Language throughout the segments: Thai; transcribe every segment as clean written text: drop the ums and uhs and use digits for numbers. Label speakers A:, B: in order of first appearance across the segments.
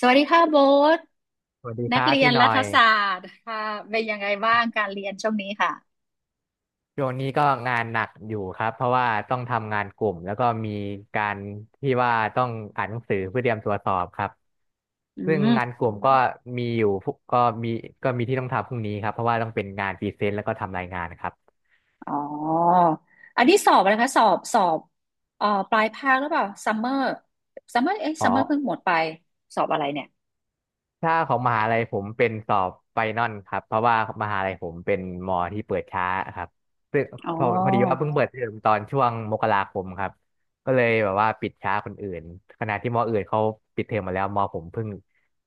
A: สวัสดีค่ะโบ๊ท
B: สวัสดีค
A: นัก
B: รับ
A: เรีย
B: พี่
A: น
B: หน่
A: รั
B: อ
A: ฐ
B: ย
A: ศาสตร์ค่ะเป็นยังไงบ้างการเรียนช่วงนี้ค่ะ
B: ช่วงนี้ก็งานหนักอยู่ครับเพราะว่าต้องทำงานกลุ่มแล้วก็มีการที่ว่าต้องอ่านหนังสือเพื่อเตรียมตัวสอบครับ
A: อื
B: ซึ่ง
A: ม
B: งานกลุ่มก็มีอยู่พวกมีก็มีที่ต้องทำพรุ่งนี้ครับเพราะว่าต้องเป็นงานพรีเซนต์แล้วก็ทำรายงานครับ
A: อ๋ออันนี้สอบอะไรคะสอบสอบปลายภาคหรือเปล่าซัมเมอร์ซัมเมอร์เอ้ย
B: อ๋อ
A: ซัมเมอร์เพิ่งหมดไปสอบอะไรเนี่ย
B: ถ้าของมหาลัยผมเป็นสอบไฟนอลครับเพราะว่ามหาลัยผมเป็นมอที่เปิดช้าครับซึ่ง
A: อ๋
B: พอดีว่า
A: อ
B: เพิ่งเปิดเทอมตอนช่วงมกราคมครับก็เลยแบบว่าปิดช้าคนอื่นขณะที่มออื่นเขาปิดเทอมมาแล้วมอผมเพิ่ง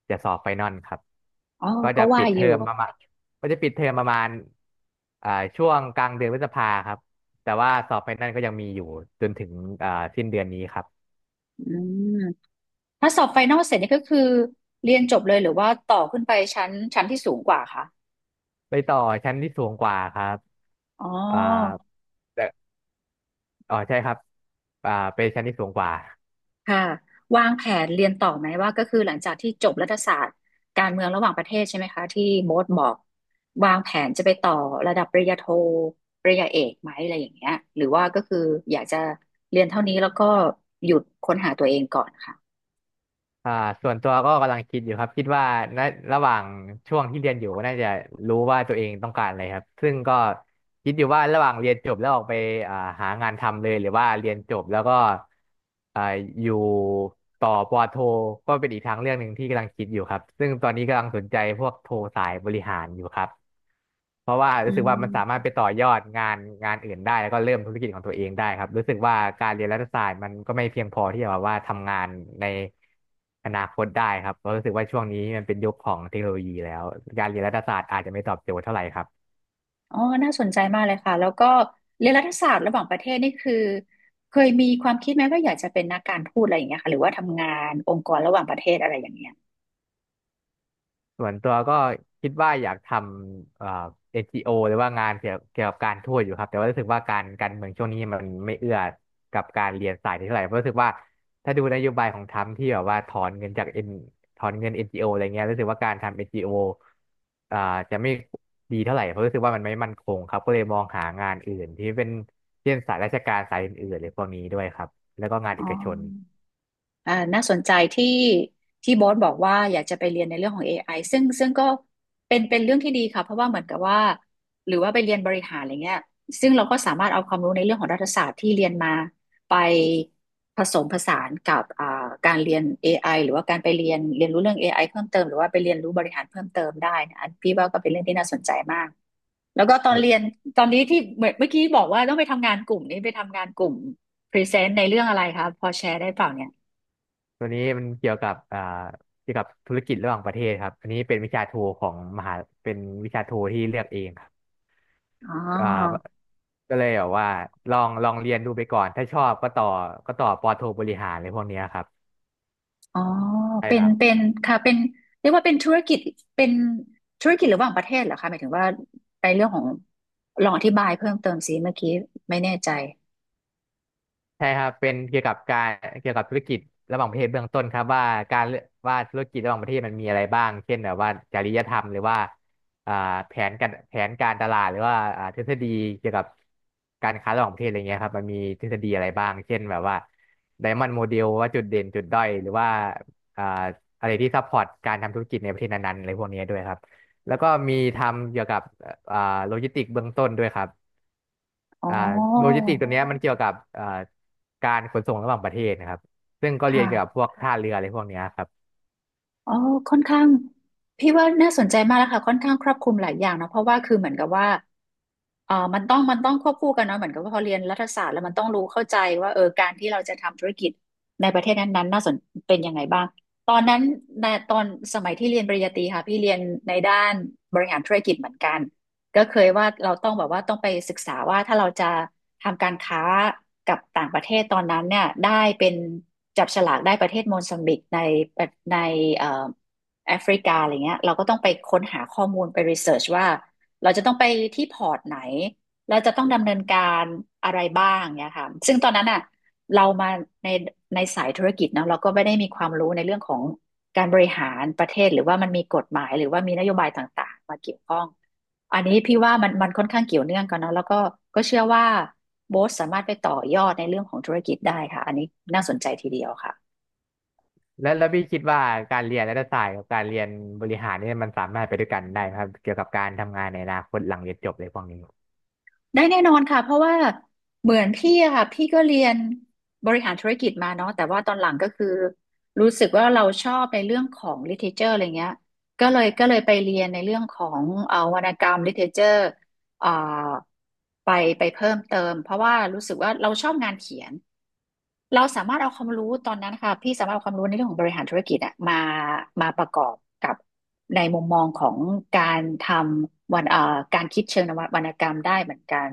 B: จะสอบไฟนอลครับ
A: อ๋อ
B: ก็
A: ก็
B: จะ
A: ว่า
B: ปิดเท
A: อ
B: อ
A: ยู่
B: มประมาณก็จะปิดเทอมประมาณอ่าช่วงกลางเดือนพฤษภาครับแต่ว่าสอบไฟนอลก็ยังมีอยู่จนถึงอ่าสิ้นเดือนนี้ครับ
A: อืมถ้าสอบไฟนอลเสร็จนี่ก็คือเรียนจบเลยหรือว่าต่อขึ้นไปชั้นที่สูงกว่าคะ
B: ไปต่อชั้นที่สูงกว่าครับ
A: อ๋
B: อ่า
A: อ
B: อ๋อใช่ครับเป็นชั้นที่สูงกว่า
A: ค่ะวางแผนเรียนต่อไหมว่าก็คือหลังจากที่จบรัฐศาสตร์การเมืองระหว่างประเทศใช่ไหมคะที่โบ๊ทบอกวางแผนจะไปต่อระดับปริญญาโทปริญญาเอกไหมอะไรอย่างเงี้ยหรือว่าก็คืออยากจะเรียนเท่านี้แล้วก็หยุดค้นหาตัวเองก่อนค่ะ
B: อ่าส่วนตัวก็กำลังคิดอยู่ครับคิดว่าณระหว่างช่วงที่เรียนอยู่น่าจะรู้ว่าตัวเองต้องการอะไรครับซึ่งก็คิดอยู่ว่าระหว่างเรียนจบแล้วออกไปอ่าหางานทำเลยหรือว่าเรียนจบแล้วก็อ่าอยู่ต่อปอโทก็เป็นอีกทางเรื่องหนึ่งที่กำลังคิดอยู่ครับซึ่งตอนนี้กำลังสนใจพวกโทสายบริหารอยู่ครับ เพราะว่า
A: อื
B: รู้สึกว่ามันสามารถ
A: ม
B: ไปต่อยอดงานอื่นได้แล้วก็เริ่มธุรกิจของตัวเองได้ครับรู้สึกว่าการเรียนรัฐศาสตร์มันก็ไม่เพียงพอที่จะแบบว่าทำงานในอนาคตได้ครับเพราะรู้สึกว่าช่วงนี้มันเป็นยุคของเทคโนโลยีแล้วการเรียนรัฐศาสตร์อาจจะไม่ตอบโจทย์เท่าไหร่ครับ
A: อ๋อน่าสนใจมากเลยค่ะแล้วก็เรียนรัฐศาสตร์ระหว่างประเทศนี่คือเคยมีความคิดไหมว่าอยากจะเป็นนักการทูตอะไรอย่างเงี้ยค่ะหรือว่าทำงานองค์กรระหว่างประเทศอะไรอย่างเงี้ย
B: ส่วนตัวก็คิดว่าอยากทำNGO หรือว่างานเกี่ยวกับการทูตอยู่ครับแต่ว่ารู้สึกว่าการเมืองช่วงนี้มันไม่เอื้อกับการเรียนสายนี้เท่าไหร่เพราะรู้สึกว่าถ้าดูนโยบายของทรัมป์ที่แบบว่าถอนเงิน NGO อนจีโออะไรเงี้ยรู้สึกว่าการทำ NGO อนจีโออ่าจะไม่ดีเท่าไหร่เพราะรู้สึกว่ามันไม่มั่นคงครับก็เลยมองหางานอื่นที่เป็นเช่นสายราชการสายอื่นๆหรือพวกนี้ด้วยครับแล้วก็งาน
A: อ๋
B: เอ
A: อ
B: กชน
A: อ่าน่าสนใจที่ที่บอสบอกว่าอยากจะไปเรียนในเรื่องของ AI ซึ่งก็เป็นเรื่องที่ดีค่ะเพราะว่าเหมือนกับว่าหรือว่าไปเรียนบริหารอะไรเงี้ยซึ่งเราก็สามารถเอาความรู้ในเรื่องของรัฐศาสตร์ที่เรียนมาไปผสมผสานกับการเรียนเอไอหรือว่าการไปเรียนรู้เรื่องเอไอเพิ่มเติมหรือว่าไปเรียนรู้บริหารเพิ่มเติมได้นะอันพี่ว่าก็เป็นเรื่องที่น่าสนใจมากแล้วก็ตอนเรียนตอนนี้ที่เหมือนเมื่อกี้บอกว่าต้องไปทำงานกลุ่มนี้ไปทำงานกลุ่มพรีเซนต์ในเรื่องอะไรคะพอแชร์ได้เปล่าเนี่ย
B: ตัวนี้มันเกี่ยวกับเกี่ยวกับธุรกิจระหว่างประเทศครับอันนี้ของมหาเป็นวิชาโทที่เลือกเองครับ
A: อ๋
B: อ
A: อ
B: ่าก็เลยแบบว่าลองเรียนดูไปก่อน ถ้าชอบก็ต่อปอโทบริหารอะไรพวกเนี้ยครับ
A: อ๋อ
B: ใช่
A: เป็
B: ค
A: น
B: รับ
A: เป็นค่ะเป็นเรียกว่าเป็นธุรกิจเป็นธุรกิจระหว่างประเทศเหรอคะหมายถึงว่าในเรื่องของลองอธิบายเพิ่มเติมสิเมื่อกี้ไม่แน่ใจ
B: ใช่ครับเป็นเกี่ยวกับการเกี่ยวกับธุรกิจระหว่างประเทศเบื้องต้นครับว่าการธุรกิจระหว่างประเทศมันมีอะไรบ้างเช่นแบบว่าจริยธรรมหรือว่าอ่าแผนการตลาดหรือว่าทฤษฎีเกี่ยวกับการค้าระหว่างประเทศอะไรเงี้ยครับมันมีทฤษฎีอะไรบ้างเช่นแบบว่าไดมอนด์โมเดลว่าจุดเด่นจุดด้อยหรือว่าอ่าอะไรที่ซัพพอร์ตการทำธุรกิจในประเทศนั้นๆอะไรพวกเนี้ยด้วยครับแล้วก็มีทำเกี่ยวกับอ่าโลจิสติกเบื้องต้นด้วยครับ
A: อ๋อ
B: อ่าโลจิสอติกตัวเนี้ยมันเกี่ยวกับการขนส่งระหว่างประเทศนะครับซึ่งก็
A: ค
B: เรียนเกี่ยวกับพ
A: ่ะ
B: วกท่าเรืออะไรพวกเนี้ยครับ
A: อ๋อค่อนข้างพี่ว่าน่าสนใจมากแล้วค่ะค่อนข้างครอบคลุมหลายอย่างนะเพราะว่าคือเหมือนกับว่า มันต้องควบคู่กันเนาะเหมือนกับว่าพอเรียนรัฐศาสตร์แล้วมันต้องรู้เข้าใจว่าเออการที่เราจะทำธุรกิจในประเทศนั้นๆน่าสนเป็นยังไงบ้างตอนนั้นในตอนสมัยที่เรียนปริญญาตรีค่ะพี่เรียนในด้านบริหารธุรกิจเหมือนกันก็เคยว่าเราต้องแบบว่าต้องไปศึกษาว่าถ้าเราจะทำการค้ากับต่างประเทศตอนนั้นเนี่ยได้เป็นจับฉลากได้ประเทศโมซัมบิกในเอ่อแอฟริกาอะไรเงี้ยเราก็ต้องไปค้นหาข้อมูลไปรีเสิร์ชว่า เราจะต้องไปที่พอร์ตไหนเราจะต้องดำเนินการอะไรบ้างเนี่ยค่ะซึ่งตอนนั้นอ่ะเรามาในในสายธุรกิจเนาะเราก็ไม่ได้มีความรู้ในเรื่องของการบริหารประเทศหรือว่ามันมีกฎหมายหรือว่ามีนโยบายต่างๆมาเกี่ยวข้องอันนี้พี่ว่ามันค่อนข้างเกี่ยวเนื่องกันเนาะแล้วก็ก็เชื่อว่าโบสสามารถไปต่อยอดในเรื่องของธุรกิจได้ค่ะอันนี้น่าสนใจทีเดียวค่ะ
B: แล้วพี่คิดว่าการเรียนรัฐศาสตร์กับการเรียนบริหารเนี่ยมันสามารถไปด้วยกันได้ไหมครับเกี่ยวกับการทำงานในอนาคตหลังเรียนจบอะไรพวกนี้
A: ได้แน่นอนค่ะเพราะว่าเหมือนพี่อะค่ะพี่ก็เรียนบริหารธุรกิจมาเนาะแต่ว่าตอนหลังก็คือรู้สึกว่าเราชอบในเรื่องของ literature อะไรเงี้ยก็เลยไปเรียนในเรื่องของวรรณกรรม literature เอ่อไปไปเพิ่มเติมเพราะว่ารู้สึกว่าเราชอบงานเขียนเราสามารถเอาความรู้ตอนนั้นค่ะพี่สามารถเอาความรู้ในเรื่องของบริหารธุรกิจอะมามาประกอบกับในมุมมองของการทำวรรณการคิดเชิงนววรรณกรรมได้เหมือนกัน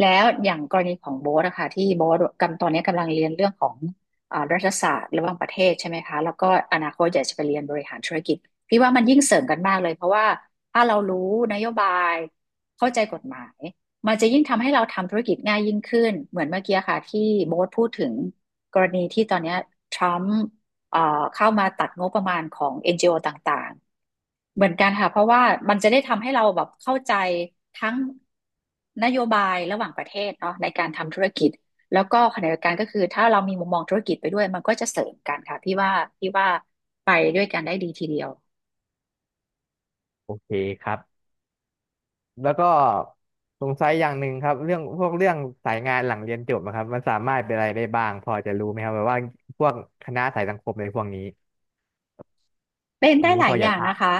A: แล้วอย่างกรณีของโบ๊ทอะค่ะที่โบ๊ทกำตอนนี้กำลังเรียนเรื่องของรัฐศาสตร์ระหว่างประเทศใช่ไหมคะแล้วก็อนาคตอยากจะไปเรียนบริหารธุรกิจพี่ว่ามันยิ่งเสริมกันมากเลยเพราะว่าถ้าเรารู้นโยบาย เข้าใจกฎหมายมันจะยิ่งทำให้เราทำธุรกิจง่ายยิ่งขึ้นเหมือนเมื่อกี้ค่ะที่โบ๊ทพูดถึงกรณีที่ตอนนี้ทรัมป์เอ่อเข้ามาตัดงบประมาณของเอ็นจีโอต่างๆเหมือนกันค่ะเพราะว่ามันจะได้ทำให้เราแบบเข้าใจทั้งนโยบายระหว่างประเทศเนาะในการทำธุรกิจแล้วก็ขณะเดียวกันก็คือถ้าเรามีมุมมองธุรกิจไปด้วยมันก็จะเสริมกันค่ะพี่ว่าพี่ว่าไปด้วยกันได้ดีทีเดียว
B: โอเคครับแล้วก็สงสัยอย่างหนึ่งครับเรื่องพวกเรื่องสายงานหลังเรียนจบนะครับมันสามารถเป็นอะไรได้บ้างพอจะรู้ไหมครับแบบว่าพวกคณะสายสังคมอะไรพวกนี้
A: เป็น
B: วั
A: ได้
B: นนี้
A: หลา
B: พ
A: ย
B: อ
A: อ
B: จ
A: ย่า
B: อะ
A: ง
B: ทรา
A: นะ
B: บ
A: คะ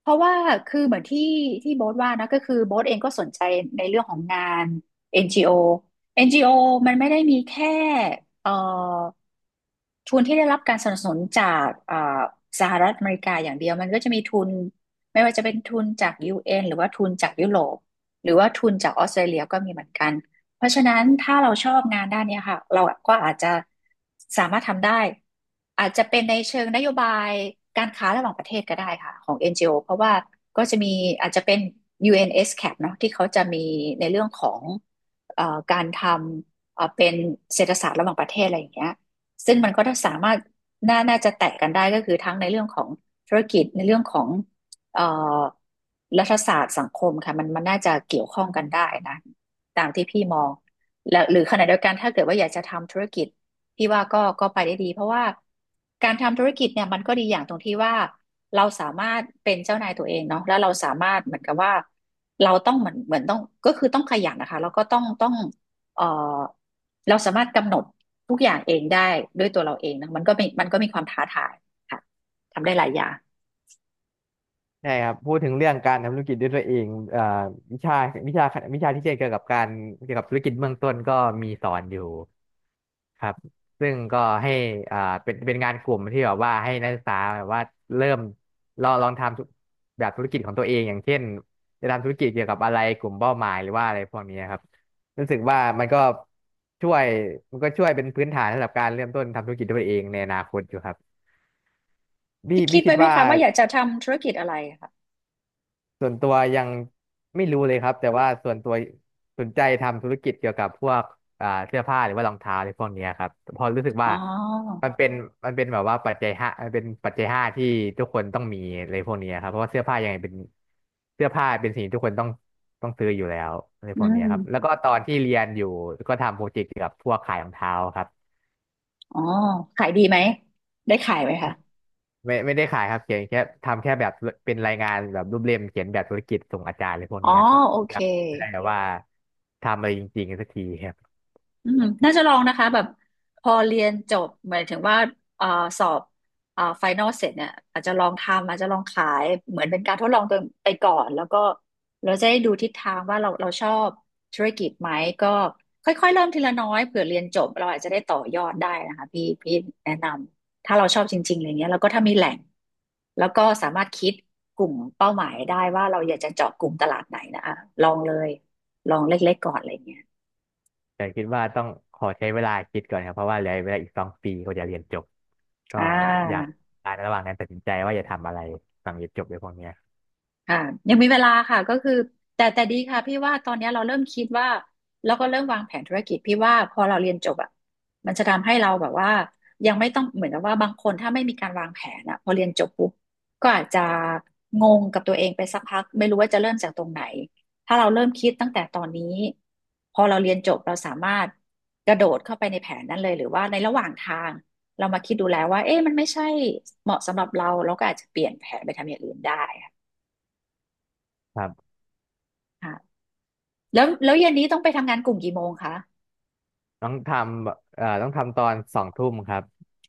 A: เพราะว่าคือเหมือนที่โบ๊ทว่านะก็คือโบ๊ทเองก็สนใจในเรื่องของงาน NGO NGO มันไม่ได้มีแค่เอ่อ ทุนที่ได้รับการสนับสนุนจากสหรัฐอเมริกาอย่างเดียวมันก็จะมีทุนไม่ว่าจะเป็นทุนจาก UN หรือว่าทุนจากยุโรปหรือว่าทุนจากออสเตรเลียก็มีเหมือนกันเพราะฉะนั้นถ้าเราชอบงานด้านเนี้ยค่ะเราก็อาจจะสามารถทำได้อาจจะเป็นในเชิงนโยบายการค้าระหว่างประเทศก็ได้ค่ะของ NGO เพราะว่าก็จะมีอาจจะเป็น UNSCAP เอ็นเอสซีเอพีเนาะที่เขาจะมีในเรื่องของการทำเป็นเศรษฐศาสตร์ระหว่างประเทศอะไรอย่างเงี้ย ซึ่งมันก็ถ้าสามารถน่าจะแตะกันได้ก็คือทั้งในเรื่องของธุรกิจในเรื่องของเอ่อรัฐศาสตร์สังคมค่ะมันน่าจะเกี่ยวข้องกันได้นะตามที่พี่มองแล้วหรือขณะเดียวกันถ้าเกิดว่าอยากจะทำธุรกิจพี่ว่าก็ไปได้ดีเพราะว่าการทำธุรกิจเนี่ยมันก็ดีอย่างตรงที่ว่าเราสามารถเป็นเจ้านายตัวเองเนาะแล้วเราสามารถเหมือนกับว่าเราต้องเหมือนต้องก็คือต้องขยันนะคะแล้วก็ต้องเอ่อเราสามารถกำหนดทุกอย่างเองได้ด้วยตัวเราเองนะมันก็มีความท้าทายค่ะทำได้หลายอย่าง
B: ใช่ครับพูดถึงเรื่องการทำธุรกิจด้วยตัวเองวิชาวิชาวิชาที่เกี่ยวกับการเกี่ยวกับธุรกิจเบื้องต้นก็มีสอนอยู่ครับซึ่งก็ให้อ่าเป็นงานกลุ่มที่แบบว่าให้นักศึกษาแบบว่าเริ่มลองทำแบบธุรกิจของตัวเองอย่างเช่นจะทำธุรกิจเกี่ยวกับอะไรกลุ่มเป้าหมายหรือว่าอะไรพวกนี้ครับรู้สึกว่าช่วยมันก็ช่วยเป็นพื้นฐานสำหรับการเริ่มต้นทำธุรกิจด้วยตัวเองในอนาคตอยู่ครับ
A: คิ
B: พี่
A: ด
B: คิ
A: ไว้
B: ด
A: ไหม
B: ว่า
A: คะว่าอยากจะทำธุรกิจอะไรค่ะ
B: ส่วนตัวยังไม่รู้เลยครับแต่ว่าส่วนตัวสนใจทำธุรกิจเกี่ยวกับพวกเสื้อผ้าหรือว่ารองเท้าอะไรพวกเนี้ยครับเพอรู้สึก
A: อ๋
B: ว่า
A: อ
B: มันเป็นมันเป็นแบบว่าปัจจัยห้ามันเป็นปัจจัยห้าที่ทุกคนต้องมีอะไรพวกเนี้ยครับเพราะว่าเสื้อผ้ายังไงเป็นเสื้อผ้าเป็นสิ่งที่ทุกคนต้องซื้ออยู่แล้วอะไร
A: อื
B: พวกเนี้ยครับแล้ว
A: ม
B: ก็ตอนที่เรียนอยู่ก็ทำโปรเจกต์เกี่ยวกับพวกขายรองเท้าครับ
A: อ๋อขายดีไหมได้ขายไหมคะ
B: ไม่ได้ขายครับเขียนแค่ทำแค่แบบเป็นรายงานแบบรูปเล่มเขียนแบบธุรกิจส่งอาจารย์อะไรพวก
A: อ๋อ
B: เนี้ยครับ
A: โอเค
B: ยังไม่ได้แบบว่าทำอะไรจริงๆสักทีครับ
A: อืมน่าจะลองนะคะแบบพอเรียนจบหมายถึงว่าเอ่อสอบไฟนอลเสร็จเนี่ยอาจจะลองทำอาจจะลองขายเหมือนเป็นการทดลองตัวไปก่อนแล้วก็เราจะได้ดูทิศทางว่าเราชอบธุรกิจไหมก็ค่อยๆเริ่มทีละน้อยเผื่อเรียนจบเราอาจจะได้ต่อยอดได้นะคะพี่แนะนำถ้าเราชอบจริงๆอะไรเงี้ยแล้วก็ถ้ามีแหล่งแล้วก็สามารถคิดกลุ่มเป้าหมายได้ว่าเราอยากจะเจาะกลุ่มตลาดไหนนะอะลองเลยลองเล็กๆก่อนอะไรเงี้ย
B: แต่คิดว่าต้องขอใช้เวลาคิดก่อนครับเพราะว่าเหลือเวลาอีก2 ปีก็จะเรียนจบก็
A: อ่
B: อยาก
A: า
B: อนระหว่างนั้นตัดสินใจว่าจะทำอะไรหลังเรียนจบในพวกเนี้ย
A: ค่ะยังมีเวลาค่ะก็คือแต่ดีค่ะพี่ว่าตอนเนี้ยเราเริ่มคิดว่าแล้วก็เริ่มวางแผนธุรกิจพี่ว่าพอเราเรียนจบอ่ะมันจะทำให้เราแบบว่ายังไม่ต้องเหมือนกับว่าบางคนถ้าไม่มีการวางแผนอ่ะพอเรียนจบปุ๊บก็อาจจะงงกับตัวเองไปสักพักไม่รู้ว่าจะเริ่มจากตรงไหนถ้าเราเริ่มคิดตั้งแต่ตอนนี้พอเราเรียนจบเราสามารถกระโดดเข้าไปในแผนนั้นเลยหรือว่าในระหว่างทางเรามาคิดดูแล้วว่าเอ๊ะมันไม่ใช่เหมาะสำหรับเราเราก็อาจจะเปลี่ยนแผนไปทำอย่างอื่นได้
B: ครับ
A: ค่ะ แล้วเย็นนี้ต้องไปทำงานกลุ่มกี่โมงคะ
B: ต้องทต้องทำตอนสองทุ่มครับ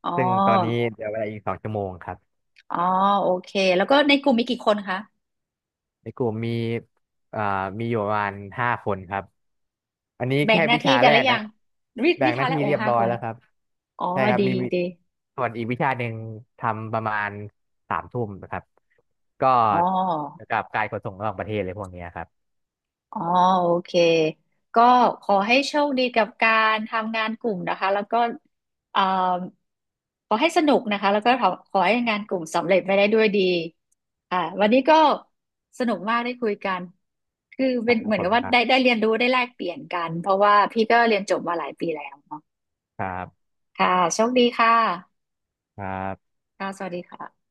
A: อ๋อ
B: ซึ่งตอนนี้เหลือเวลาอีก2 ชั่วโมงครับ
A: อ๋อ โอเค แล้วก็ในกลุ่มมีกี่คนคะ
B: ในกลุ่มเอ่อมีอยู่ประมาณ5 คนครับ อันนี้
A: แบ่ง
B: แค่
A: หน้า
B: วิ
A: ที่
B: ชา
A: กั
B: แร
A: นหรื
B: ก
A: อยั
B: นะ
A: งวิ
B: แบ่
A: วิ
B: งห
A: ทา
B: น้า
A: และ
B: ที่
A: โอ
B: เรียบ
A: ห้า
B: ร้อ
A: ค
B: ย
A: น
B: แล้วครับ
A: อ๋อ
B: ใช่ครับ
A: ดี
B: มี
A: ดี
B: ส่วนอีกวิชาหนึ่งทำประมาณสามทุ่มนะครับ ก็
A: อ๋อ
B: เกี่ยวกับการขนส่งระหว่างประเทศเลยพวกเนี้ยครับ
A: อ๋อโอเคก็ขอให้โชคดีกับการทำงานกลุ่มนะคะแล้วก็เอ่อขอให้สนุกนะคะแล้วก็ขอให้งานกลุ่มสำเร็จไปได้ด้วยดีอ่าวันนี้ก็สนุกมากได้คุยกันคือ
B: ค
A: เป็
B: รับ
A: นเหมือ
B: ผ
A: นกั
B: ม
A: บว่า
B: ครั
A: ได้
B: บ
A: เรียนรู้ได้แลกเปลี่ยนกันเพราะว่าพี่ก็เรียนจบมาหลายปีแล้วเนาะ
B: ครับ
A: ค่ะโชคดีค่ะ
B: ครับ
A: ค่ะสวัสดีค่ะ